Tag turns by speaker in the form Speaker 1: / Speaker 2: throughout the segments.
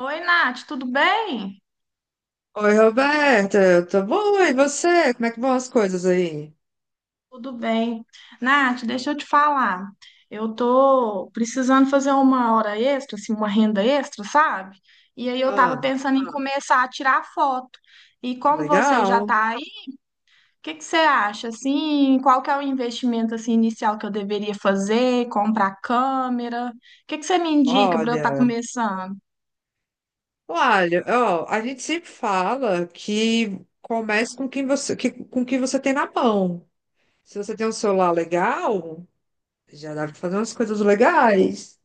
Speaker 1: Oi, Nath, tudo bem?
Speaker 2: Oi, Roberta, eu tô boa, e você? Como é que vão as coisas aí?
Speaker 1: Tudo bem. Nath, deixa eu te falar. Eu tô precisando fazer uma hora extra, assim, uma renda extra, sabe? E aí eu tava
Speaker 2: Ah,
Speaker 1: pensando em começar a tirar foto. E como você já
Speaker 2: legal.
Speaker 1: tá aí, o que que você acha? Assim, qual que é o investimento assim inicial que eu deveria fazer? Comprar câmera? O que que você me indica para eu estar
Speaker 2: Olha,
Speaker 1: começando?
Speaker 2: olha, ó, a gente sempre fala que comece com quem você, com o que você tem na mão. Se você tem um celular legal, já dá pra fazer umas coisas legais.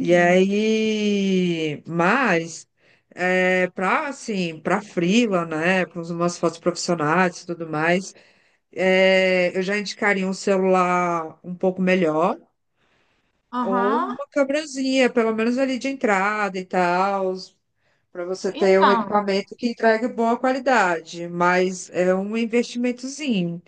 Speaker 2: E aí, mas para assim, para freela, né? Para umas fotos profissionais e tudo mais, eu já indicaria um celular um pouco melhor. Ou
Speaker 1: Aham.
Speaker 2: uma câmerazinha, pelo menos ali de entrada e tal, para você ter um
Speaker 1: Então,
Speaker 2: equipamento que entregue boa qualidade, mas é um investimentozinho.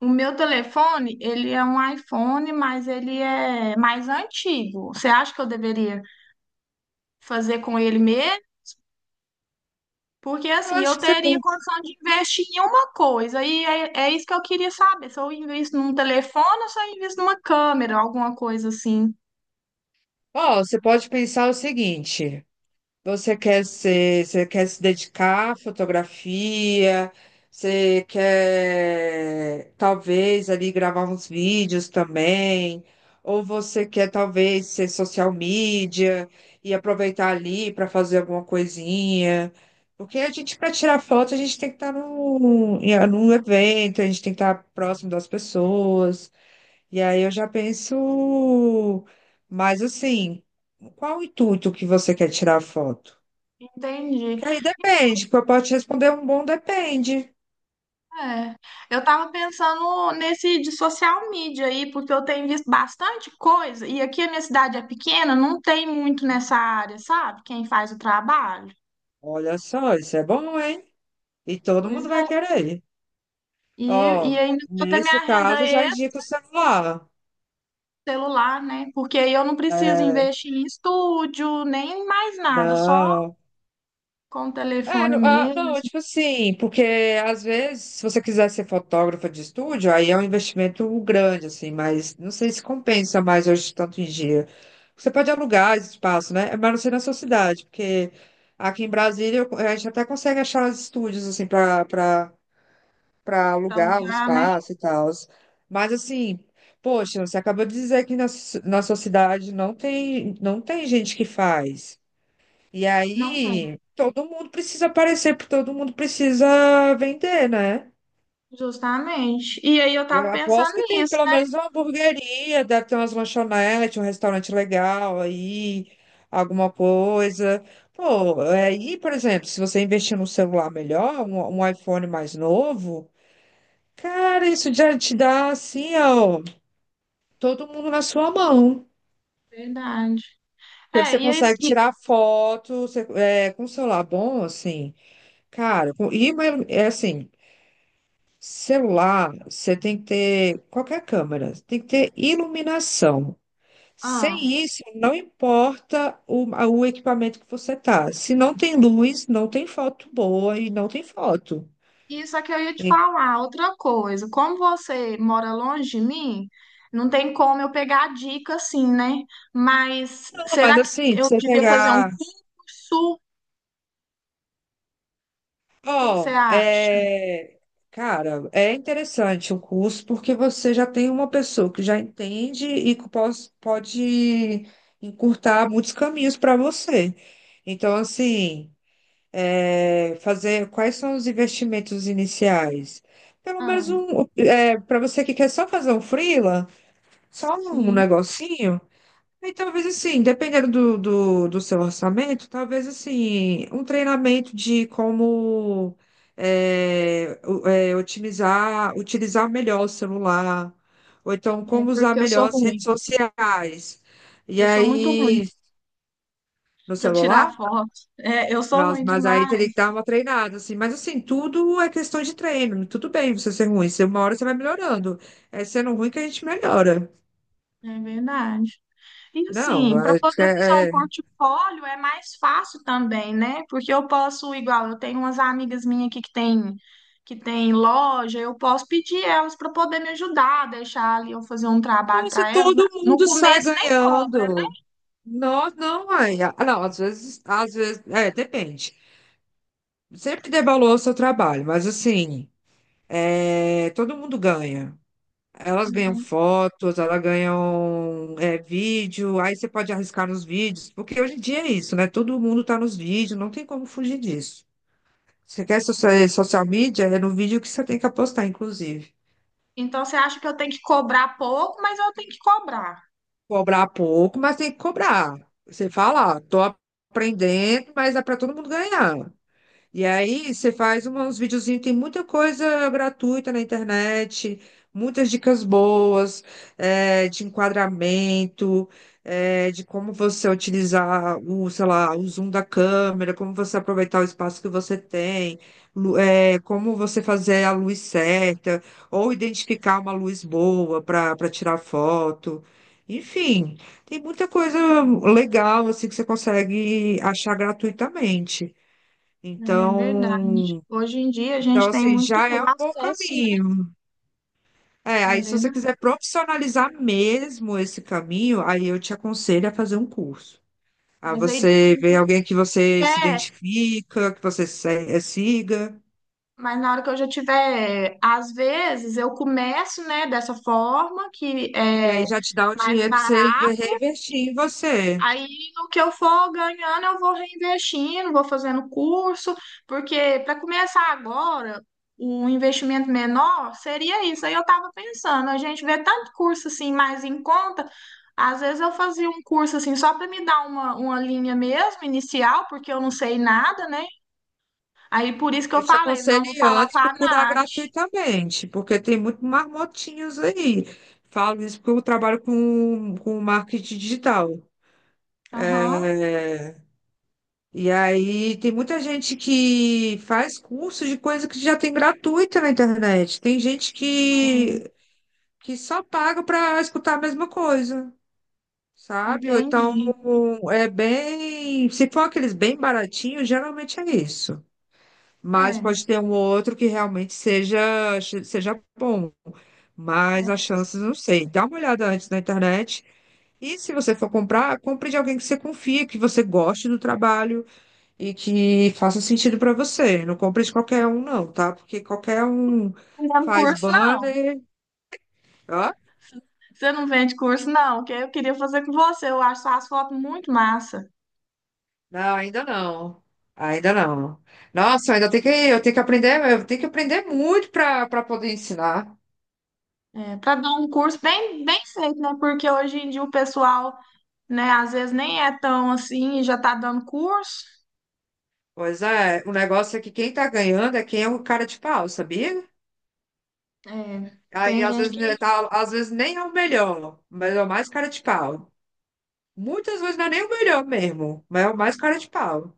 Speaker 1: o meu telefone, ele é um iPhone, mas ele é mais antigo. Você acha que eu deveria fazer com ele mesmo? Porque
Speaker 2: Eu
Speaker 1: assim,
Speaker 2: acho
Speaker 1: eu
Speaker 2: que você
Speaker 1: teria
Speaker 2: pode,
Speaker 1: condição de investir em uma coisa, e é isso que eu queria saber. Se eu invisto num telefone ou se eu invisto numa câmera, alguma coisa assim.
Speaker 2: ó, você pode pensar o seguinte. Você quer ser, você quer se dedicar à fotografia, você quer talvez ali gravar uns vídeos também, ou você quer talvez ser social media e aproveitar ali para fazer alguma coisinha. Porque a gente, para tirar foto, a gente tem que estar num, num evento, a gente tem que estar próximo das pessoas. E aí eu já penso, mas assim, qual o intuito que você quer tirar a foto?
Speaker 1: Entendi.
Speaker 2: Que aí depende, porque eu posso responder um bom depende.
Speaker 1: É. Eu tava pensando nesse de social media aí, porque eu tenho visto bastante coisa, e aqui a minha cidade é pequena, não tem muito nessa área, sabe? Quem faz o trabalho.
Speaker 2: Olha só, isso é bom, hein? E todo
Speaker 1: Pois
Speaker 2: mundo vai
Speaker 1: é.
Speaker 2: querer.
Speaker 1: E, e
Speaker 2: Ó,
Speaker 1: ainda toda a minha
Speaker 2: nesse
Speaker 1: renda
Speaker 2: caso, já indica o celular.
Speaker 1: ex-celular, né? Porque aí eu não preciso
Speaker 2: É,
Speaker 1: investir em estúdio, nem mais nada, só
Speaker 2: não.
Speaker 1: com o
Speaker 2: É,
Speaker 1: telefone
Speaker 2: não, ah,
Speaker 1: mesmo,
Speaker 2: não, tipo assim, porque às vezes, se você quiser ser fotógrafa de estúdio, aí é um investimento grande, assim, mas não sei se compensa mais hoje, tanto em dia. Você pode alugar esse espaço, né? Mas não sei na sua cidade, porque aqui em Brasília a gente até consegue achar os estúdios, assim, para
Speaker 1: para
Speaker 2: alugar o
Speaker 1: alugar, né?
Speaker 2: espaço e tal. Mas assim, poxa, você acabou de dizer que na, na sua cidade não tem, não tem gente que faz. E
Speaker 1: Não tem,
Speaker 2: aí, todo mundo precisa aparecer, porque todo mundo precisa vender, né?
Speaker 1: justamente. E aí eu
Speaker 2: E
Speaker 1: tava
Speaker 2: eu
Speaker 1: pensando
Speaker 2: aposto que tem
Speaker 1: nisso,
Speaker 2: pelo
Speaker 1: né?
Speaker 2: menos uma hamburgueria, deve ter umas lanchonetes, um restaurante legal aí, alguma coisa. Pô, aí, por exemplo, se você investir num celular melhor, um iPhone mais novo. Cara, isso já te dá assim, ó, todo mundo na sua mão.
Speaker 1: Verdade.
Speaker 2: Que
Speaker 1: É,
Speaker 2: você
Speaker 1: e aí,
Speaker 2: consegue
Speaker 1: e,
Speaker 2: tirar foto, com um celular bom, assim, cara, com, e uma celular, você tem que ter qualquer câmera, tem que ter iluminação.
Speaker 1: ah,
Speaker 2: Sem isso, não importa o, o equipamento que você tá. Se não tem luz, não tem foto boa e não tem foto.
Speaker 1: isso é que eu ia te
Speaker 2: Então,
Speaker 1: falar, outra coisa. Como você mora longe de mim, não tem como eu pegar a dica assim, né? Mas
Speaker 2: mas
Speaker 1: será que
Speaker 2: assim, pra
Speaker 1: eu
Speaker 2: você
Speaker 1: devia fazer um
Speaker 2: pegar.
Speaker 1: curso? O que que você
Speaker 2: Ó,
Speaker 1: acha?
Speaker 2: cara, é interessante o curso porque você já tem uma pessoa que já entende e que pode encurtar muitos caminhos para você. Então, assim, fazer quais são os investimentos iniciais? Pelo
Speaker 1: Ah,
Speaker 2: menos um, para você que quer só fazer um freela, só um
Speaker 1: sim,
Speaker 2: negocinho. E talvez assim, dependendo do, do, do seu orçamento, talvez assim, um treinamento de como otimizar, utilizar melhor o celular, ou então
Speaker 1: é
Speaker 2: como usar
Speaker 1: porque eu sou
Speaker 2: melhor as
Speaker 1: ruim.
Speaker 2: redes sociais. E
Speaker 1: Eu sou muito ruim
Speaker 2: aí, no
Speaker 1: para
Speaker 2: celular?
Speaker 1: tirar foto. É, eu sou
Speaker 2: Nossa,
Speaker 1: ruim
Speaker 2: mas aí teria
Speaker 1: demais,
Speaker 2: que dar uma treinada, assim. Mas assim, tudo é questão de treino. Tudo bem você ser ruim. Se uma hora você vai melhorando. É sendo ruim que a gente melhora.
Speaker 1: é verdade. E
Speaker 2: Não,
Speaker 1: assim, para
Speaker 2: é,
Speaker 1: poder usar um
Speaker 2: é.
Speaker 1: portfólio é mais fácil também, né? Porque eu posso, igual, eu tenho umas amigas minhas aqui que tem loja, eu posso pedir elas para poder me ajudar, deixar ali eu fazer um trabalho
Speaker 2: Nossa,
Speaker 1: para elas.
Speaker 2: todo
Speaker 1: No
Speaker 2: mundo sai
Speaker 1: começo nem cobra, né?
Speaker 2: ganhando. Não, não, mãe. Ah, não, às vezes, é, depende. Sempre dê valor ao seu trabalho, mas assim, é, todo mundo ganha. Elas
Speaker 1: Não
Speaker 2: ganham
Speaker 1: tem.
Speaker 2: fotos, elas ganham é, vídeo, aí você pode arriscar nos vídeos, porque hoje em dia é isso, né? Todo mundo tá nos vídeos, não tem como fugir disso. Você quer social, social media, é no vídeo que você tem que apostar, inclusive.
Speaker 1: Então você acha que eu tenho que cobrar pouco, mas eu tenho que cobrar.
Speaker 2: Cobrar pouco, mas tem que cobrar. Você fala, ó, tô aprendendo, mas é para todo mundo ganhar. E aí você faz uns videozinhos, tem muita coisa gratuita na internet, muitas dicas boas, de enquadramento, de como você utilizar o, sei lá, o zoom da câmera, como você aproveitar o espaço que você tem, como você fazer a luz certa, ou identificar uma luz boa para tirar foto. Enfim, tem muita coisa legal assim que você consegue achar gratuitamente.
Speaker 1: É verdade.
Speaker 2: Então,
Speaker 1: Hoje em dia a
Speaker 2: então
Speaker 1: gente tem
Speaker 2: assim,
Speaker 1: muito
Speaker 2: já é um bom
Speaker 1: acesso, né?
Speaker 2: caminho. É,
Speaker 1: É
Speaker 2: aí se você
Speaker 1: verdade.
Speaker 2: quiser profissionalizar mesmo esse caminho, aí eu te aconselho a fazer um curso. A
Speaker 1: Mas aí depois
Speaker 2: você ver alguém que você se
Speaker 1: é,
Speaker 2: identifica, que você siga,
Speaker 1: mas na hora que eu já tiver, às vezes eu começo, né, dessa forma que
Speaker 2: e aí
Speaker 1: é
Speaker 2: já te dá o
Speaker 1: mais
Speaker 2: dinheiro para você
Speaker 1: barata.
Speaker 2: reinvestir em você.
Speaker 1: Aí, no que eu for ganhando, eu vou reinvestindo, vou fazendo curso, porque para começar agora, o investimento menor seria isso. Aí eu estava pensando, a gente vê tanto curso assim mais em conta, às vezes eu fazia um curso assim só para me dar uma linha mesmo, inicial, porque eu não sei nada, né? Aí por isso que eu
Speaker 2: Eu te
Speaker 1: falei, não
Speaker 2: aconselho
Speaker 1: vou
Speaker 2: ir
Speaker 1: falar
Speaker 2: antes
Speaker 1: com a
Speaker 2: procurar
Speaker 1: Nath.
Speaker 2: gratuitamente, porque tem muito marmotinhos aí. Falo isso porque eu trabalho com marketing digital.
Speaker 1: Aham,
Speaker 2: É, e aí tem muita gente que faz curso de coisa que já tem gratuita na internet. Tem gente que só paga para escutar a mesma coisa, sabe? Ou então
Speaker 1: entendi.
Speaker 2: é bem, se for aqueles bem baratinhos, geralmente é isso. Mas
Speaker 1: É,
Speaker 2: pode ter um ou outro que realmente seja bom. Mas as
Speaker 1: é.
Speaker 2: chances, não sei. Dá uma olhada antes na internet. E se você for comprar, compre de alguém que você confia, que você goste do trabalho e que faça sentido para você. Não compre de qualquer um, não, tá? Porque qualquer um
Speaker 1: Não dá
Speaker 2: faz
Speaker 1: curso, não.
Speaker 2: banner. Ó,
Speaker 1: Você não vende curso, não, que eu queria fazer com você. Eu acho as fotos muito massa.
Speaker 2: não, ainda não. Ainda não. Nossa, eu ainda tem que, eu tenho que aprender, eu tenho que aprender muito para poder ensinar.
Speaker 1: É, para dar um curso bem, bem feito, né? Porque hoje em dia o pessoal, né, às vezes nem é tão assim e já tá dando curso.
Speaker 2: Pois é, o negócio é que quem tá ganhando é quem é o cara de pau, sabia?
Speaker 1: É,
Speaker 2: Aí
Speaker 1: tem
Speaker 2: às
Speaker 1: gente
Speaker 2: vezes né,
Speaker 1: que.
Speaker 2: tá, às vezes nem é o melhor, mas é o mais cara de pau. Muitas vezes não é nem o melhor mesmo, mas é o mais cara de pau.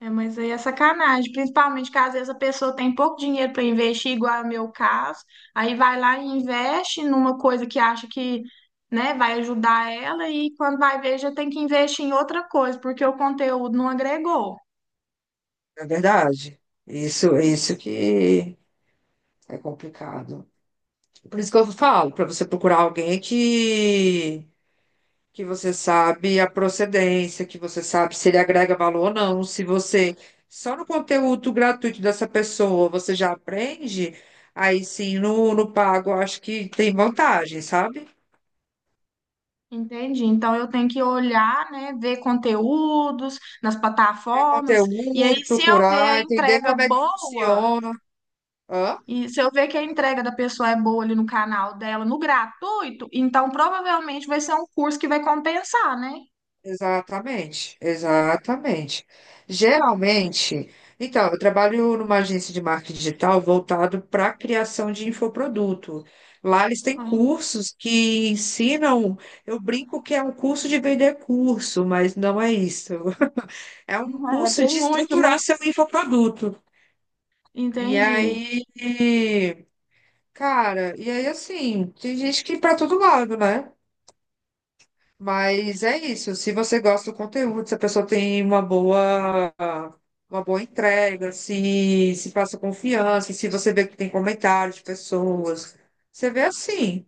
Speaker 1: É, mas aí é sacanagem. Principalmente que às vezes a pessoa tem pouco dinheiro para investir, igual é o meu caso. Aí vai lá e investe numa coisa que acha que. Né, vai ajudar ela e quando vai ver já tem que investir em outra coisa, porque o conteúdo não agregou.
Speaker 2: É verdade. Isso que. É complicado. Por isso que eu falo, para você procurar alguém que você sabe a procedência, que você sabe se ele agrega valor ou não, se você só no conteúdo gratuito dessa pessoa você já aprende, aí sim no, no pago eu acho que tem vantagem, sabe?
Speaker 1: Entendi. Então eu tenho que olhar, né, ver conteúdos nas
Speaker 2: Ver
Speaker 1: plataformas, e
Speaker 2: conteúdo,
Speaker 1: aí se eu ver a
Speaker 2: procurar, entender
Speaker 1: entrega
Speaker 2: como é que
Speaker 1: boa,
Speaker 2: funciona. Hã?
Speaker 1: e se eu ver que a entrega da pessoa é boa ali no canal dela, no gratuito, então provavelmente vai ser um curso que vai compensar, né?
Speaker 2: Exatamente, exatamente. Geralmente, então, eu trabalho numa agência de marketing digital voltado para a criação de infoproduto. Lá eles têm
Speaker 1: Ai,
Speaker 2: cursos que ensinam, eu brinco que é um curso de vender curso, mas não é isso. É um
Speaker 1: é,
Speaker 2: curso
Speaker 1: tem
Speaker 2: de
Speaker 1: muito, né?
Speaker 2: estruturar seu infoproduto. E
Speaker 1: Entendi.
Speaker 2: aí, cara, e aí assim, tem gente que ir para todo lado, né? Mas é isso. Se você gosta do conteúdo, se a pessoa tem uma boa entrega, se passa confiança, se você vê que tem comentários de pessoas, você vê assim.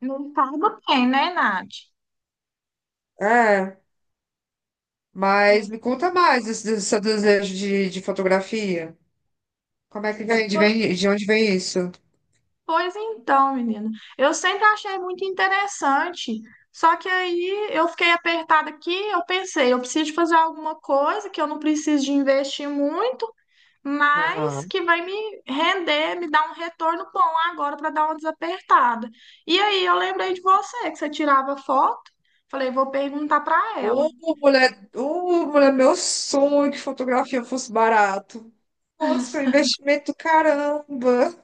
Speaker 1: Não pago bem, né, Nath?
Speaker 2: É. Mas
Speaker 1: Tem.
Speaker 2: me conta mais desse, desse seu desejo de fotografia. Como é que vem? De,
Speaker 1: Pois
Speaker 2: de onde vem isso?
Speaker 1: Pois então, menina. Eu sempre achei muito interessante. Só que aí eu fiquei apertada aqui, eu pensei, eu preciso de fazer alguma coisa que eu não preciso de investir muito, mas
Speaker 2: Aham.
Speaker 1: que vai me render, me dar um retorno bom agora para dar uma desapertada. E aí eu lembrei de você, que você tirava foto. Falei, vou perguntar para ela.
Speaker 2: Ô, ô, mulher, meu sonho é que fotografia fosse barato. Nossa, investimento do caramba.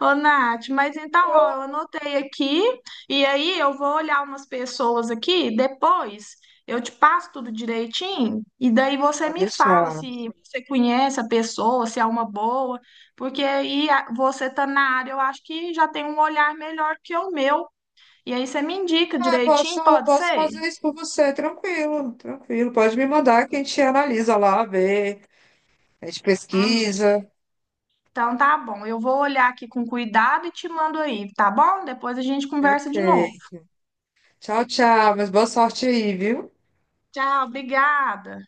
Speaker 1: Ô, Nath, mas então, ó, eu anotei aqui, e aí eu vou olhar umas pessoas aqui, depois eu te passo tudo direitinho, e daí você
Speaker 2: Pode
Speaker 1: me fala
Speaker 2: deixar.
Speaker 1: se você conhece a pessoa, se é uma boa, porque você tá na área, eu acho que já tem um olhar melhor que o meu, e aí você me indica
Speaker 2: Ah,
Speaker 1: direitinho,
Speaker 2: posso,
Speaker 1: pode
Speaker 2: posso
Speaker 1: ser?
Speaker 2: fazer isso por você, tranquilo, tranquilo. Pode me mandar que a gente analisa lá, vê, a gente
Speaker 1: Ah,
Speaker 2: pesquisa.
Speaker 1: então tá bom, eu vou olhar aqui com cuidado e te mando aí, tá bom? Depois a gente conversa de novo.
Speaker 2: Perfeito. Tchau, tchau, mas boa sorte aí, viu?
Speaker 1: Tchau, obrigada.